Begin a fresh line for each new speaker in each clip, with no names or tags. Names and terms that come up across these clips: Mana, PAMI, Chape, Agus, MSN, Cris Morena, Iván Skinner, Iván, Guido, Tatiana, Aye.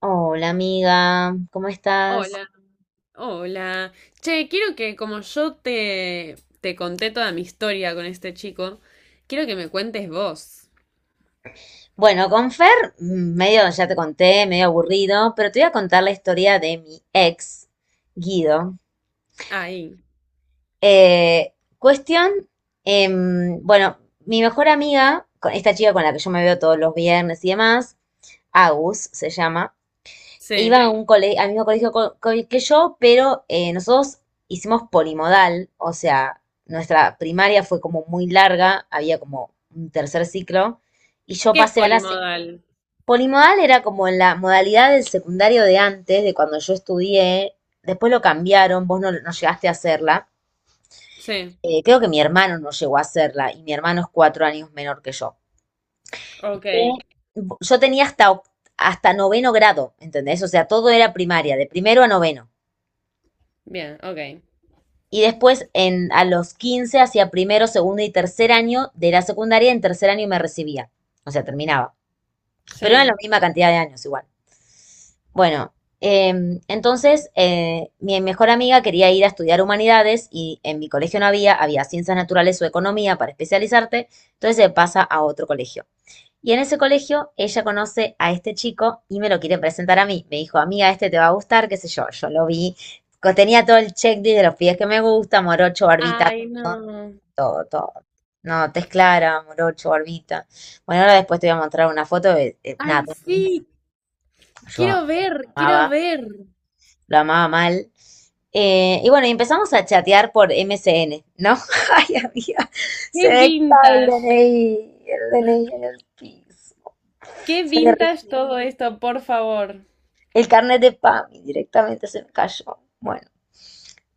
Hola amiga, ¿cómo estás?
Hola, hola. Che, quiero que como yo te conté toda mi historia con este chico, quiero que me cuentes vos.
Bueno, con Fer, medio, ya te conté, medio aburrido, pero te voy a contar la historia de mi ex, Guido.
Ahí.
Eh, cuestión, bueno, mi mejor amiga, esta chica con la que yo me veo todos los viernes y demás, Agus se llama, iban
Sí.
a un al mismo colegio que yo, pero nosotros hicimos polimodal, o sea, nuestra primaria fue como muy larga, había como un tercer ciclo, y yo
¿Qué es
pasé a
polimodal?
Polimodal era como en la modalidad del secundario de antes, de cuando yo estudié, después lo cambiaron, vos no, no llegaste a hacerla.
Sí.
Creo que mi hermano no llegó a hacerla, y mi hermano es 4 años menor que yo.
Ok.
Eh, Yo tenía hasta noveno grado, ¿entendés? O sea, todo era primaria, de primero a noveno.
Bien, ok.
Y después a los 15 hacía primero, segundo y tercer año de la secundaria, en tercer año me recibía. O sea, terminaba. Pero eran la
Sí.
misma cantidad de años igual. Bueno, entonces mi mejor amiga quería ir a estudiar humanidades y en mi colegio no había, había ciencias naturales o economía para especializarte, entonces se pasa a otro colegio. Y en ese colegio ella conoce a este chico y me lo quiere presentar a mí. Me dijo, amiga, este te va a gustar, qué sé yo. Yo lo vi, tenía todo el checklist de los pies que me gusta, morocho, barbita,
Ay, no.
todo, todo. No, tez clara, morocho, barbita. Bueno, ahora después te voy a mostrar una foto de una
Ay,
Tony.
sí.
Yo
Quiero ver, quiero
amaba,
ver.
lo amaba mal. Y bueno, y empezamos a chatear por MSN, ¿no? Ay, amiga, se
Qué
ve que estaba el
vintage.
DNI, el DNI en el piso.
Qué
Se me
vintage
derritió.
todo esto, por favor.
El carnet de PAMI directamente se me cayó. Bueno.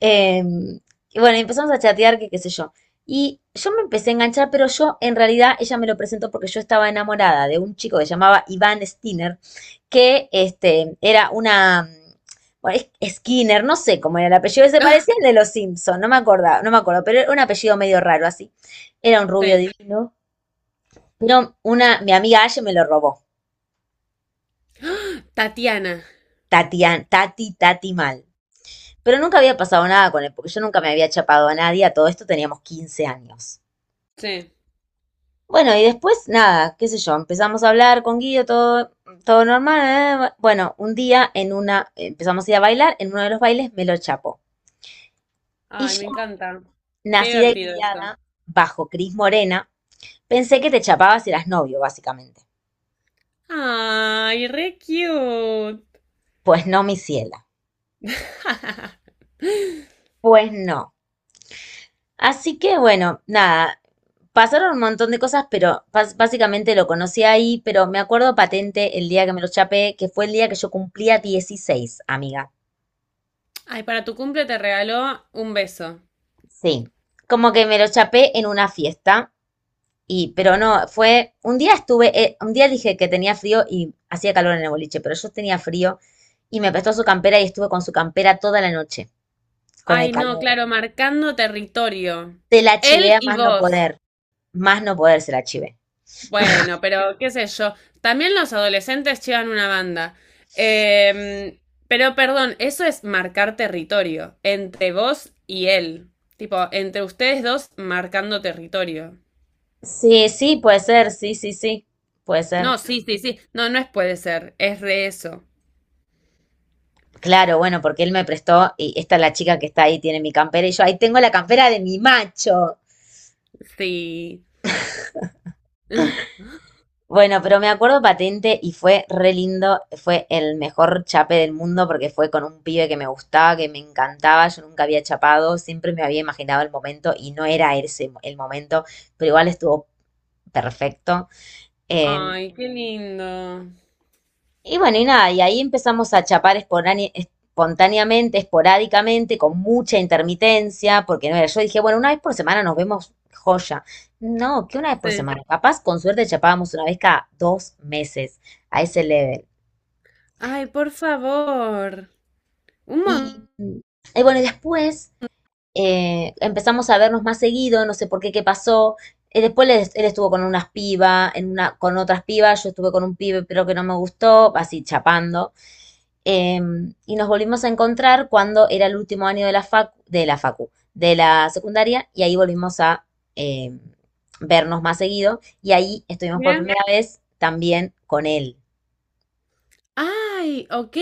Em, y bueno, empezamos a chatear, que qué sé yo. Y yo me empecé a enganchar, pero yo en realidad ella me lo presentó porque yo estaba enamorada de un chico que se llamaba Iván Skinner, que este, era una, bueno, es- Skinner, no sé cómo era el apellido, se parecía al de los Simpson, no me acordaba, no me acuerdo, pero era un apellido medio raro así. Era un rubio
Sí.
divino, pero mi amiga Aye me lo robó.
¡Ah! Tatiana.
Tati, Tati mal. Pero nunca había pasado nada con él, porque yo nunca me había chapado a nadie, a todo esto teníamos 15 años.
Sí.
Bueno, y después nada, qué sé yo, empezamos a hablar con Guido, todo, todo normal. Bueno, un día empezamos a ir a bailar, en uno de los bailes me lo chapó. Y
Ay,
yo,
me encanta. Qué
nacida y
divertido esto.
criada bajo Cris Morena, pensé que te chapabas si eras novio, básicamente.
Ay, re cute.
Pues no, mi ciela. Pues no. Así que bueno, nada, pasaron un montón de cosas, pero básicamente lo conocí ahí, pero me acuerdo patente el día que me lo chapé, que fue el día que yo cumplía 16 amiga.
Ay, para tu cumple te regaló un beso.
Sí, como que me lo chapé en una fiesta, y, pero no, fue, un día estuve, un día dije que tenía frío y hacía calor en el boliche, pero yo tenía frío y me prestó su campera y estuve con su campera toda la noche, con el
Ay, no,
calor.
claro, marcando territorio.
Se la chivé
Él
a
y vos.
más no poder se la chivé.
Bueno, pero qué sé yo. También los adolescentes llevan una banda. Em, pero perdón, eso es marcar territorio. Entre vos y él. Tipo, entre ustedes dos marcando territorio.
Sí, sí, puede ser, sí, sí, sí, puede ser.
No, sí, sí, sí. No, no es puede ser. Es re eso.
Claro, bueno, porque él me prestó y esta es la chica que está ahí, tiene mi campera y yo ahí tengo la campera de mi macho.
Sí.
Bueno, pero me acuerdo patente y fue re lindo, fue el mejor chape del mundo porque fue con un pibe que me gustaba, que me encantaba, yo nunca había chapado, siempre me había imaginado el momento y no era el momento, pero igual estuvo perfecto. Eh,
Ay, qué lindo.
y bueno, y nada, y ahí empezamos a chapar espontáneamente, esporádicamente, con mucha intermitencia, porque no era, yo dije, bueno, una vez por semana nos vemos joya. No, que una vez por
Sí.
semana, capaz con suerte chapábamos una vez cada 2 meses a ese level.
Ay, por favor. Un montón.
Y, y bueno, y después empezamos a vernos más seguido, no sé por qué, qué pasó. Después él estuvo con unas pibas, con otras pibas, yo estuve con un pibe, pero que no me gustó, así chapando. Eh, y nos volvimos a encontrar cuando era el último año de la facu, de la secundaria, y ahí volvimos a eh, vernos más seguido. Y ahí estuvimos por
Mira.
primera vez también con él.
Ay, ok.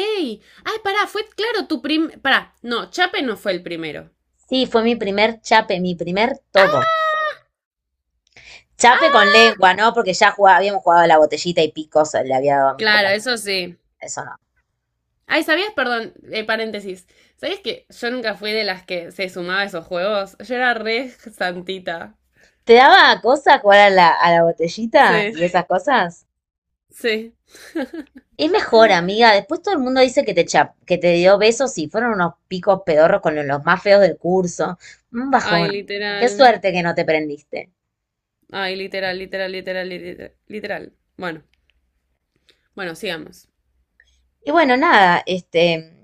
Ay, pará, fue claro tu prim... Pará, no, Chape no fue el primero.
Sí, fue mi primer chape, mi primer todo.
¡Ah!
Chape
Ah,
con lengua, ¿no? Porque ya habíamos jugado a la botellita y picos le había dado a mis
claro,
compañeros.
eso sí.
Eso no.
Ay, ¿sabías? Perdón, paréntesis. ¿Sabías que yo nunca fui de las que se sumaba a esos juegos? Yo era re santita.
¿Te daba cosa jugar a a la botellita y
Sí,
esas cosas?
sí.
Es mejor, amiga. Después todo el mundo dice que que te dio besos y fueron unos picos pedorros con los más feos del curso. Un
Ay,
bajón. Qué
literal.
suerte que no te prendiste.
Ay, literal, literal, literal, literal, literal. Bueno, bueno, sigamos.
Y bueno, nada, este,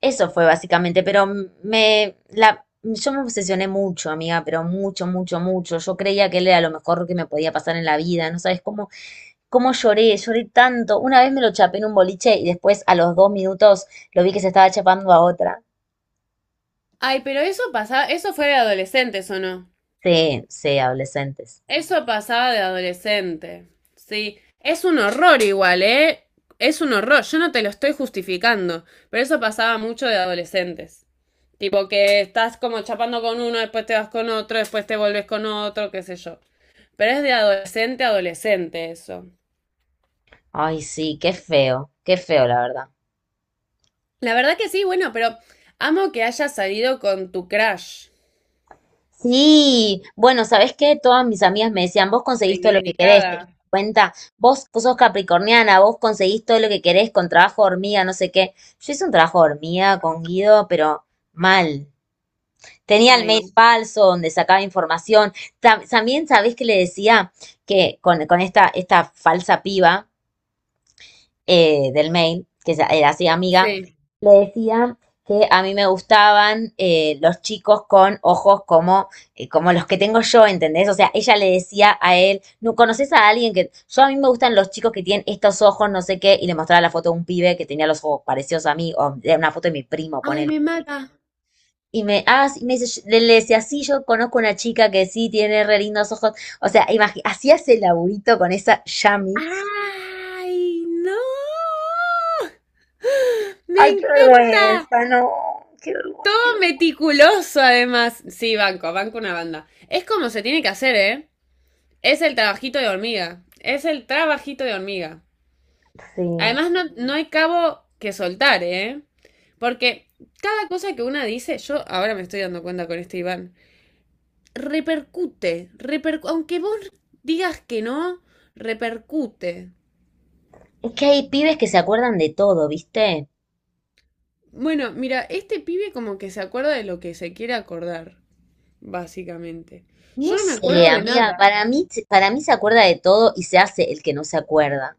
eso fue básicamente, pero yo me obsesioné mucho, amiga, pero mucho, mucho, mucho. Yo creía que él era lo mejor que me podía pasar en la vida. No sabes cómo lloré, lloré tanto. Una vez me lo chapé en un boliche y después a los 2 minutos lo vi que se estaba chapando a otra.
Ay, pero eso pasaba, eso fue de adolescentes, ¿o no?
Sí, sí, adolescentes.
Eso pasaba de adolescente. Sí. Es un horror igual, ¿eh? Es un horror. Yo no te lo estoy justificando, pero eso pasaba mucho de adolescentes. Tipo que estás como chapando con uno, después te vas con otro, después te vuelves con otro, qué sé yo. Pero es de adolescente a adolescente eso.
Ay, sí, qué feo, la verdad.
La verdad que sí, bueno, pero amo que hayas salido con tu crush.
Sí, bueno, ¿sabés qué? Todas mis amigas me decían, vos conseguís todo lo que querés,
Reivindicada.
te diste cuenta, vos, vos sos capricorniana, vos conseguís todo lo que querés con trabajo de hormiga, no sé qué. Yo hice un trabajo de hormiga con Guido, pero mal. Tenía el mail
Ay.
falso donde sacaba información. También, ¿sabés que le decía? Que con esta falsa piba del mail, era así amiga,
Sí.
le decía que a mí me gustaban los chicos con ojos como, como los que tengo yo, ¿entendés? O sea, ella le decía a él, ¿no conoces a alguien que... Yo a mí me gustan los chicos que tienen estos ojos, no sé qué, y le mostraba la foto de un pibe que tenía los ojos parecidos a mí, o era una foto de mi primo,
Ay,
ponele.
me mata.
Y me, ah, sí, me dice, yo- le decía, sí, yo conozco una chica que sí tiene re lindos ojos. O sea, hacías el laburito con esa Yami.
¡Ay, no! Me
Ay, qué
encantó,
vergüenza, no, qué vergüenza.
meticuloso además. Sí, banco, banco una banda. Es como se tiene que hacer, ¿eh? Es el trabajito de hormiga. Es el trabajito de hormiga.
Sí.
Además, no, no hay cabo que soltar, ¿eh? Porque cada cosa que una dice, yo ahora me estoy dando cuenta con este Iván, repercute, aunque vos digas que no, repercute.
Es que hay pibes que se acuerdan de todo, ¿viste?
Bueno, mira, este pibe como que se acuerda de lo que se quiere acordar. Básicamente.
No
Yo no me acuerdo
sé,
de
amiga,
nada.
para mí se acuerda de todo y se hace el que no se acuerda.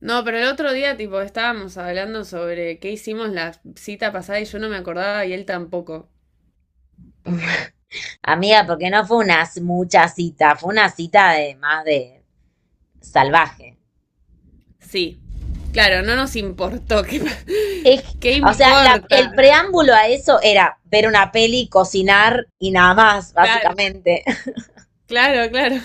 No, pero el otro día, tipo, estábamos hablando sobre qué hicimos la cita pasada y yo no me acordaba y él tampoco.
Amiga, porque no fue mucha cita, fue una cita de más de salvaje.
Sí. Claro, no nos importó. ¿Qué,
Es-
qué
o sea,
importa?
el preámbulo a eso era ver una peli, cocinar y nada más,
Claro,
básicamente.
claro, claro.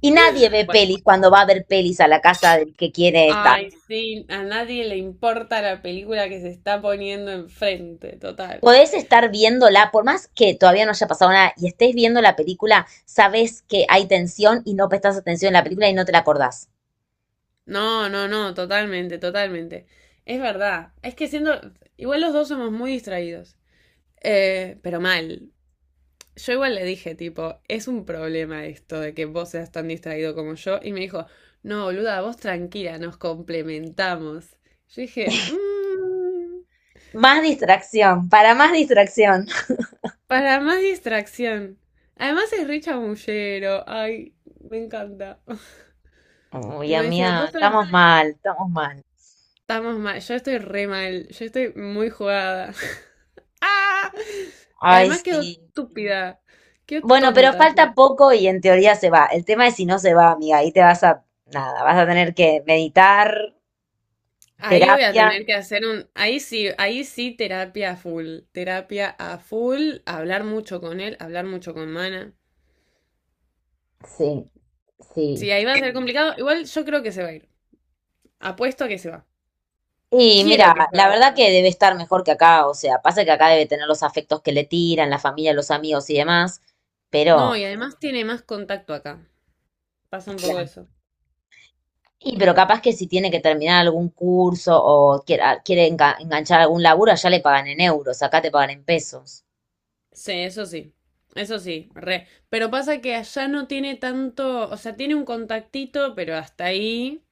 Y nadie ve
Bueno.
pelis cuando va a ver pelis a la casa del que quiere estar.
Ay, sí, a nadie le importa la película que se está poniendo enfrente, total.
Podés estar viéndola, por más que todavía no haya pasado nada y estés viendo la película, sabes que hay tensión y no prestás atención en la película y no te la acordás.
No, no, no, totalmente, totalmente. Es verdad. Es que siendo. Igual los dos somos muy distraídos. Pero mal. Yo igual le dije, tipo, es un problema esto de que vos seas tan distraído como yo. Y me dijo, no, boluda, vos tranquila, nos complementamos. Yo dije, "Mm,
Más distracción, para más distracción.
para más distracción. Además es re chamullero. Ay, me encanta.
Uy,
Y me dice,
amiga, estamos mal, estamos mal.
estamos mal. Yo estoy re mal. Yo estoy muy jugada. ¡Ah! Y
Ay,
además quedó
sí.
estúpida. Quedó
Bueno, pero
tonta.
falta poco y en teoría se va. El tema es si no se va, amiga, ahí te vas a, nada, vas a tener que meditar,
Ahí voy a
terapia.
tener que hacer ahí sí terapia a full, hablar mucho con él, hablar mucho con Mana.
Sí,
Sí,
sí.
ahí va a ser complicado. Igual yo creo que se va a ir. Apuesto a que se va.
Y
Quiero
mira,
que se
la
vaya.
verdad que debe estar mejor que acá, o sea, pasa que acá debe tener los afectos que le tiran, la familia, los amigos y demás,
No,
pero,
y además tiene más contacto acá. Pasa un poco
claro.
eso.
Y pero capaz que si tiene que terminar algún curso o quiere, ah, quiere enganchar algún laburo, allá le pagan en euros, acá te pagan en pesos.
Sí, eso sí. Eso sí, re. Pero pasa que allá no tiene tanto, o sea, tiene un contactito, pero hasta ahí.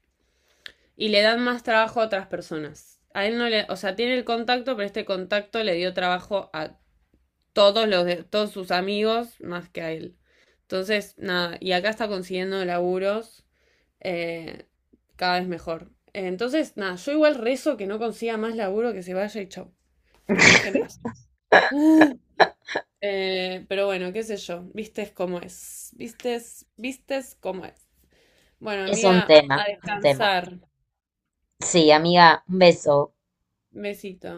Y le dan más trabajo a otras personas. A él no le, o sea, tiene el contacto, pero este contacto le dio trabajo a todos los de, todos sus amigos más que a él. Entonces, nada, y acá está consiguiendo laburos eh, cada vez mejor. Entonces, nada, yo igual rezo que no consiga más laburo, que se vaya y chau, que me deje en paz. Pero bueno, qué sé yo, vistes cómo es, vistes, vistes cómo es. Bueno,
Es un
amiga, a
tema, un tema.
descansar.
Sí, amiga, un beso.
Besito.